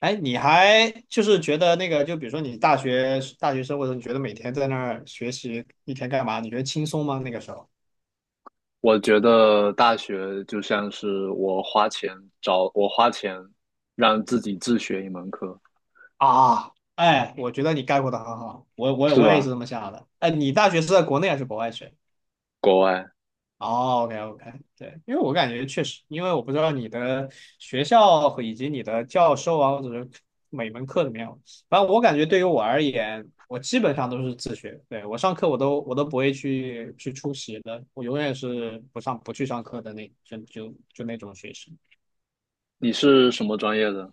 哎，你还就是觉得那个，就比如说你大学生活的时候你觉得每天在那儿学习一天干嘛？你觉得轻松吗？那个时候我觉得大学就像是我花钱让自己自学一门课，啊。哎，我觉得你概括的很好，我我是我也是吧？这么想的。哎，你大学是在国内还是国外学？国外。哦，OK OK，对，因为我感觉确实，因为我不知道你的学校和以及你的教授啊，或者是每门课怎么样。反正我感觉对于我而言，我基本上都是自学，对，我上课我都不会去出席的，我永远是不上不去上课的那就那种学生。你是什么专业的？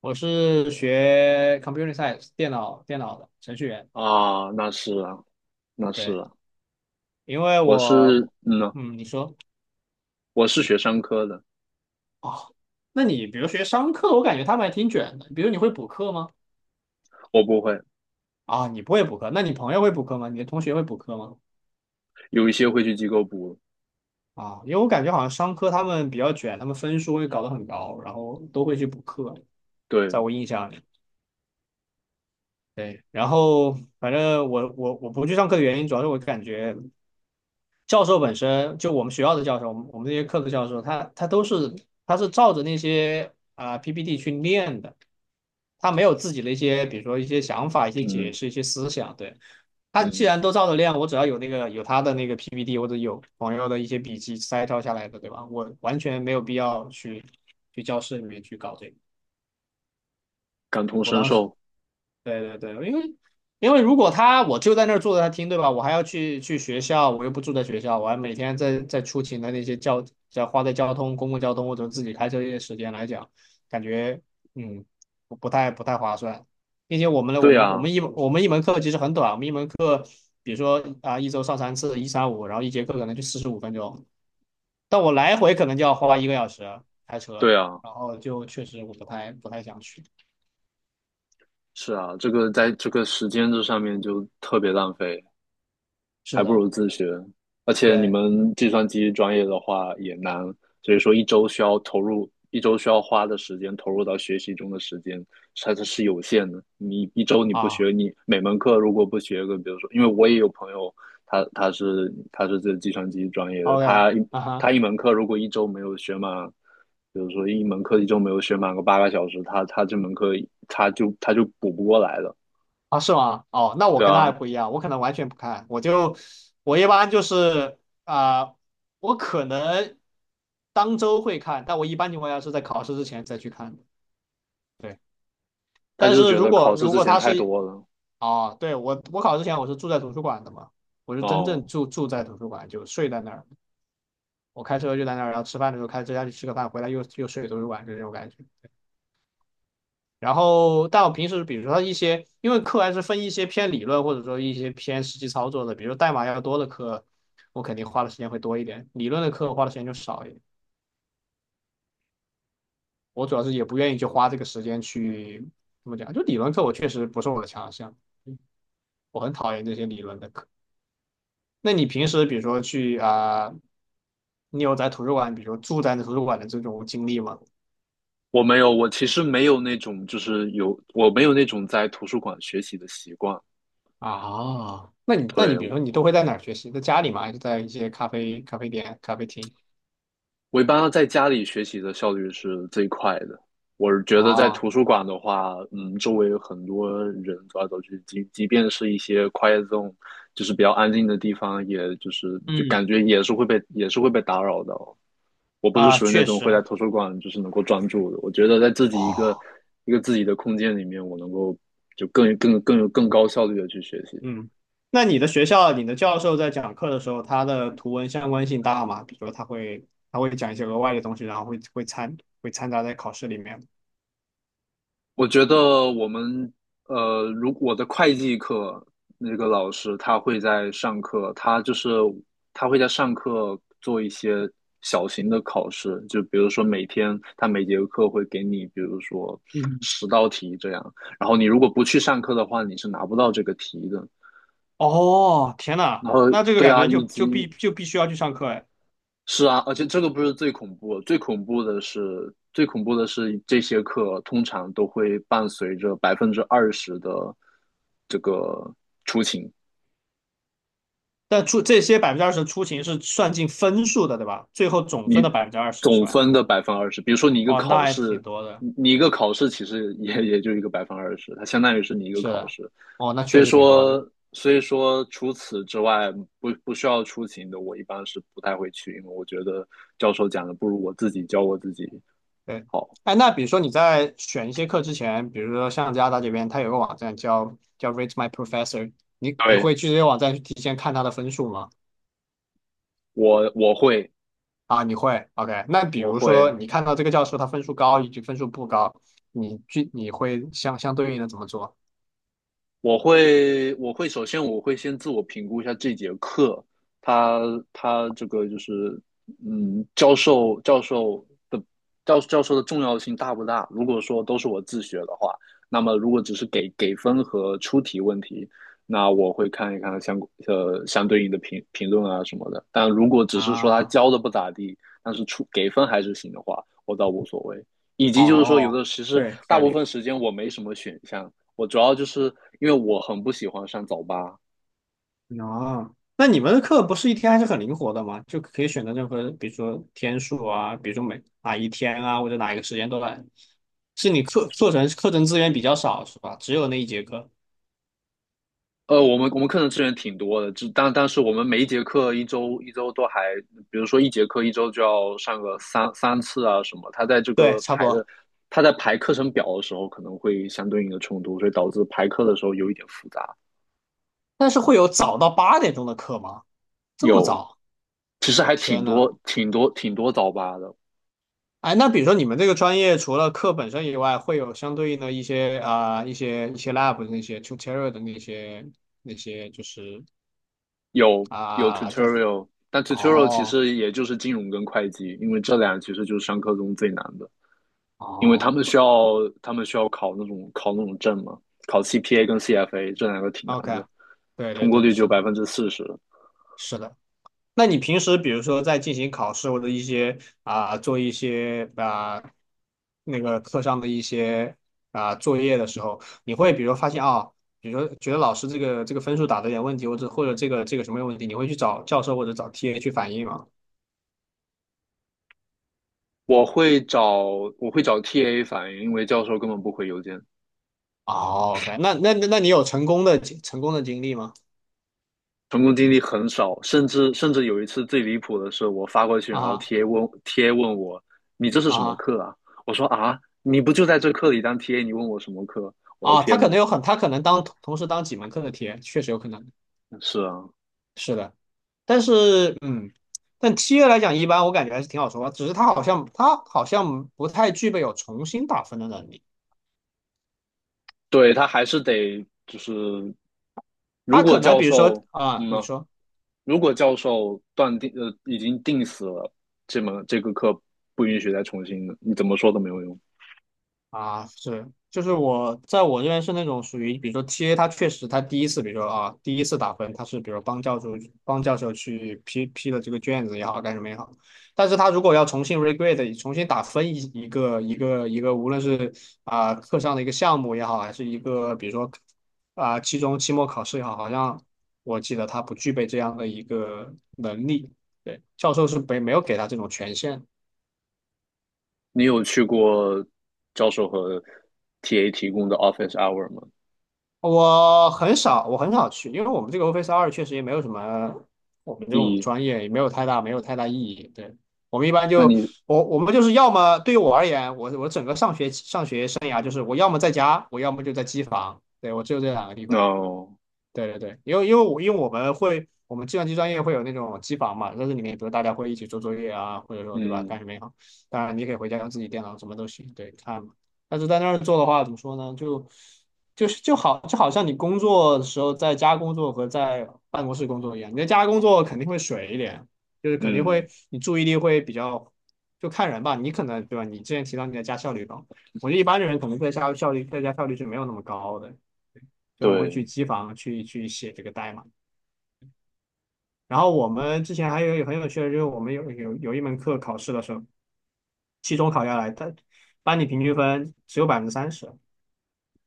我是学 computer science 电脑的程序员，啊，那是啊，那是对，啊。因为我是，我嗯呐，你说。我是学商科的。哦，那你比如学商课，我感觉他们还挺卷的，比如你会补课吗？我不会。啊，你不会补课，那你朋友会补课吗？你的同学会补课吗？有一些会去机构补。啊，因为我感觉好像商科他们比较卷，他们分数会搞得很高，然后都会去补课，对，在我印象里。对，然后反正我不去上课的原因，主要是我感觉教授本身就我们学校的教授，我们这些课的教授，他是照着那些啊、PPT 去练的，他没有自己的一些，比如说一些想法、一些解嗯释、一些思想。对，他既嗯，然都照着练，我只要有那个有他的那个 PPT 或者有朋友的一些笔记摘抄下来的，对吧？我完全没有必要去去教室里面去搞这个。感同我身当时受。对对对，因为因为如果他我就在那儿坐着他听，对吧？我还要去学校，我又不住在学校，我还每天在出勤的那些交要花在交通、公共交通或者自己开车这些时间来讲，感觉嗯不太划算，并且我们的我对们我啊，们一我们一门课其实很短，我们一门课比如说啊一周上三次，一三五，然后一节课可能就45分钟，但我来回可能就要花1个小时开对车，啊，然后就确实我不太想去。是啊，这个在这个时间这上面就特别浪费。还是不的，如自学。而且你对。们计算机专业的话也难。所以说一周需要花的时间投入到学习中的时间，它是有限的。你一周你不啊，学，你每门课如果不学个，比如说，因为我也有朋友，他是这计算机专业的。OK,啊哈。他一门课如果一周没有学满，比如说一门课一周没有学满个8个小时，他这门课他就补不过来了。啊是吗？哦，那我对跟他啊。还不一样，我可能完全不看，我就我一般就是啊、我可能当周会看，但我一般情况下是在考试之前再去看的。对，他但就是是觉如得考果试如之果前他太是。多了。哦，对我考之前我是住在图书馆的嘛，我是真正哦。住在图书馆，就睡在那儿，我开车就在那儿，然后吃饭的时候开车下去吃个饭，回来又睡图书馆，就这种感觉。然后，但我平时比如说一些，因为课还是分一些偏理论或者说一些偏实际操作的，比如代码要多的课，我肯定花的时间会多一点；理论的课花的时间就少一点。我主要是也不愿意去花这个时间去怎么讲，就理论课我确实不是我的强项。嗯我很讨厌这些理论的课。那你平时比如说去你有在图书馆，比如说住在图书馆的这种经历吗？我没有，我其实没有那种，就是有，我没有那种在图书馆学习的习惯。啊。那你对。比如说你都会在哪儿学习？在家里吗？还是在一些咖啡店、咖啡厅？我一般在家里学习的效率是最快的。我是觉得在啊，图书馆的话，周围有很多人走来走去，即便是一些 quiet zone，就是比较安静的地方，也就是就嗯感觉也是会被打扰到。我不是啊，属于那确种会实，在图书馆就是能够专注的。我觉得在自己一个哦，一个自己的空间里面，我能够就更高效率的去学习。嗯。那你的学校，你的教授在讲课的时候，他的图文相关性大吗？比如说他会讲一些额外的东西，然后会掺杂在考试里面。我觉得我们如我的会计课那个老师，他会在上课做一些小型的考试，就比如说每天他每节课会给你，比如说嗯，10道题这样，然后你如果不去上课的话，你是拿不到这个题的。哦，天呐，然后那这个对感啊，觉就以就必及就必须要去上课哎。是啊，而且这个不是最恐怖的是这些课通常都会伴随着百分之二十的这个但出这些百分之二十出勤是算进分数的，对吧？最后总分的百分之二十是总吧？分的百分之二十。比如说你一个哦，那考还挺试，多的。你一个考试其实也就一个百分之二十，它相当于是你一个是考的，试。哦，那所确以实挺多的。说，所以说，除此之外，不需要出勤的，我一般是不太会去，因为我觉得教授讲的不如我自己教我自己对。好。哎，那比如说你在选一些课之前，比如说像加拿大这边，它有个网站叫 Rate My Professor,你对，会去这些网站去提前看他的分数吗？我我会啊，你会，OK。那比我如会。说你看到这个教授他分数高以及分数不高，你去你会相对应的怎么做？我会我会首先我会先自我评估一下这节课，他他这个就是嗯教授教授的教教授的重要性大不大？如果说都是我自学的话，那么如果只是给分和出题问题，那我会看一看相对应的评论啊什么的。但如果只是说他啊，教的不咋地，但是出给分还是行的话，我倒无所谓。以及就是说，有哦，的其实对，大合部理。分时间我没什么选项，我主要就是因为我很不喜欢上早八。啊，那你们的课不是一天还是很灵活的吗？就可以选择任何，比如说天数啊，比如说每哪一天啊，或者哪一个时间段。是你课程资源比较少是吧？只有那一节课。我们课程资源挺多的，但是我们每一节课一周一周都还，比如说一节课一周就要上个三次啊什么，对，差不多。他在排课程表的时候可能会相对应的冲突，所以导致排课的时候有一点复杂。但是会有早到8点钟的课吗？这么有，早？其实我还挺天呐！多挺多挺多早八的。哎，那比如说你们这个专业除了课本身以外，会有相对应的一些啊、一些 lab 的那些 tutorial 的那些那些就是有有 啊、叫。 tutorial，但 tutorial 其哦实也就是金融跟会计，因为这俩其实就是上课中最难的。因为哦，他们需要考那种证嘛，考 CPA 跟 CFA 这两个挺难的，OK,对对通过对，率只有是的，40%。是的。那你平时比如说在进行考试或者一些啊、做一些啊、那个课上的一些啊、作业的时候，你会比如发现啊、比如说觉得老师这个这个分数打的有点问题，或者或者这个这个什么有问题，你会去找教授或者找 TA 去反映吗？我会找我会找 TA 反映，因为教授根本不回邮件。哦，OK,那那你有成功的经历吗？成功经历很少，甚至有一次最离谱的是，我发过去，然后 啊！ TA 问我你这是什么啊！课啊？我说啊，你不就在这课里当 TA，你问我什么课？我的啊！他天可呐。能有很，他可能当同时当几门课的 TA,确实有可能。是啊。是的。但是嗯，但七月来讲，一般我感觉还是挺好说话。只是他好像不太具备有重新打分的能力。对他还是得就是，如他果可能教比如说授啊，嗯你呢。说。如果教授断定已经定死了，这门这个课不允许再重新的，你怎么说都没有用。啊，是，就是我这边是那种属于，比如说 TA,他确实他第一次，比如说啊，第一次打分，他是比如说帮教授去批了这个卷子也好，干什么也好，但是他如果要重新 regrade,重新打分一个，无论是啊课上的一个项目也好，还是一个比如说啊期中期末考试也好，好像我记得他不具备这样的一个能力，对，教授是没有给他这种权限。你有去过教授和 TA 提供的 office hour 吗？我很少，我很少去，因为我们这个 Office 二确实也没有什么，我们这种一，专业也没有太大，没有太大意义。对，我们一般那就你 我们就是要么对于我而言，我整个上学生涯就是我要么在家，我要么就在机房，对，我只有这两个地方。no，对对对，因为因为我们会，我们计算机专业会有那种机房嘛，在这里面，比如大家会一起做作业啊，或者说对吧，干嗯什么也好。当然，你可以回家用自己电脑，什么都行，对，看嘛。但是在那儿做的话，怎么说呢？就好像你工作的时候在家工作和在办公室工作一样，你在家工作肯定会水一点，就是肯定会嗯，你注意力会比较，就看人吧。你可能对吧？你之前提到你在家效率高，我觉得一般的人可能在家效率是没有那么高的。所以我们会去对，机房去写这个代码。然后我们之前还有很有趣的，就是我们有一门课考试的时候，期中考下来，他班里平均分只有百分之三十，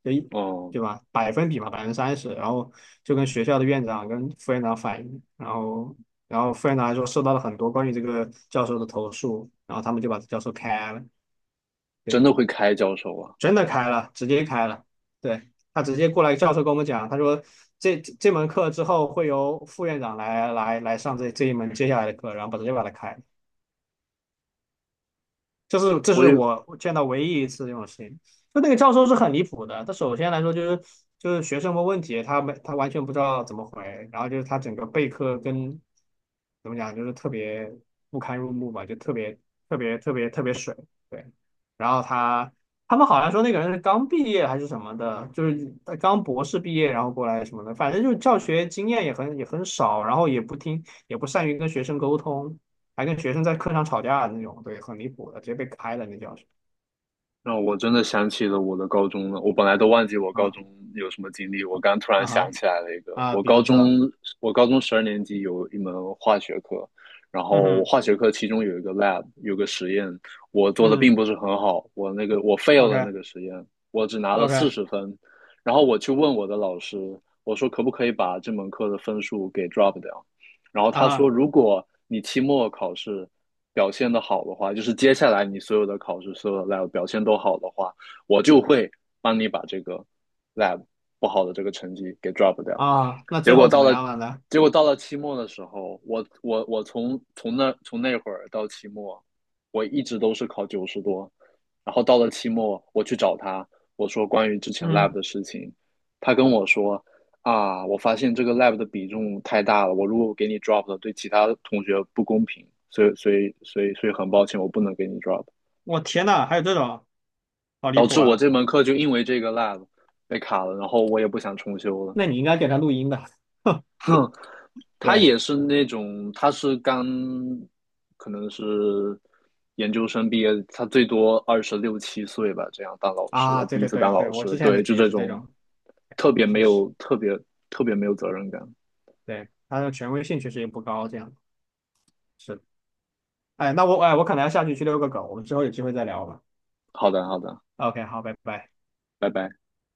就一哦。对吧？百分比嘛，百分之三十。然后就跟学校的院长跟副院长反映，然后副院长还说收到了很多关于这个教授的投诉，然后他们就把教授开了。真对，的会开教授啊！真的开了，直接开了。对，他直接过来，教授跟我们讲，他说这门课之后会由副院长来上这一门接下来的课，然后把直接把它开了。这是这我是也我见到唯一一次这种事情。就那个教授是很离谱的，他首先来说就是学生问问题，他完全不知道怎么回，然后就是他整个备课跟怎么讲，就是特别不堪入目吧，就特别特别特别特别水。对，然后他他们好像说那个人是刚毕业还是什么的，就是他刚博士毕业然后过来什么的，反正就是教学经验也很少，然后也不听也不善于跟学生沟通。还跟学生在课上吵架的那种，对，很离谱的，直接被开了那教室。让我真的想起了我的高中了。我本来都忘记我高中啊。有什么经历，我刚突然啊想哈。起来了一个。啊，比如说。我高中12年级有一门化学课，然嗯后哼。化学课其中有一个 lab，有个实验，我做的嗯并不是很好，我 fail 了那，OK 个实验，我只拿了四 OK。 十分。然后我去问我的老师，我说可不可以把这门课的分数给 drop 掉？然后啊他说，哈。如果你期末考试表现的好的话，就是接下来你所有的考试、所有的 lab 表现都好的话，我就会帮你把这个 lab 不好的这个成绩给 drop 掉。啊，那结最果后怎到么了，样了呢？结果到了期末的时候，我从那会儿到期末，我一直都是考90多，然后到了期末，我去找他，我说关于之前 lab 嗯，的事情，他跟我说啊，我发现这个 lab 的比重太大了，我如果给你 drop 了，对其他同学不公平，所以很抱歉，我不能给你 drop，我天呐，还有这种，好离导谱致我啊！这门课就因为这个 lab 被卡了，然后我也不想重修了，那你应该给他录音的。哼。他对也是那种，他是刚可能是研究生毕业，他最多二十六七岁吧，这样当老师，他啊，对第一对次对当老对，我师，之前对，的就也这是这种种，特别没确实，有特别特别没有责任感。对，他的权威性确实也不高，这样是的。哎，那我哎，我可能要下去去遛个狗，我们之后有机会再聊吧。好的，好的，OK,好，拜拜。拜拜。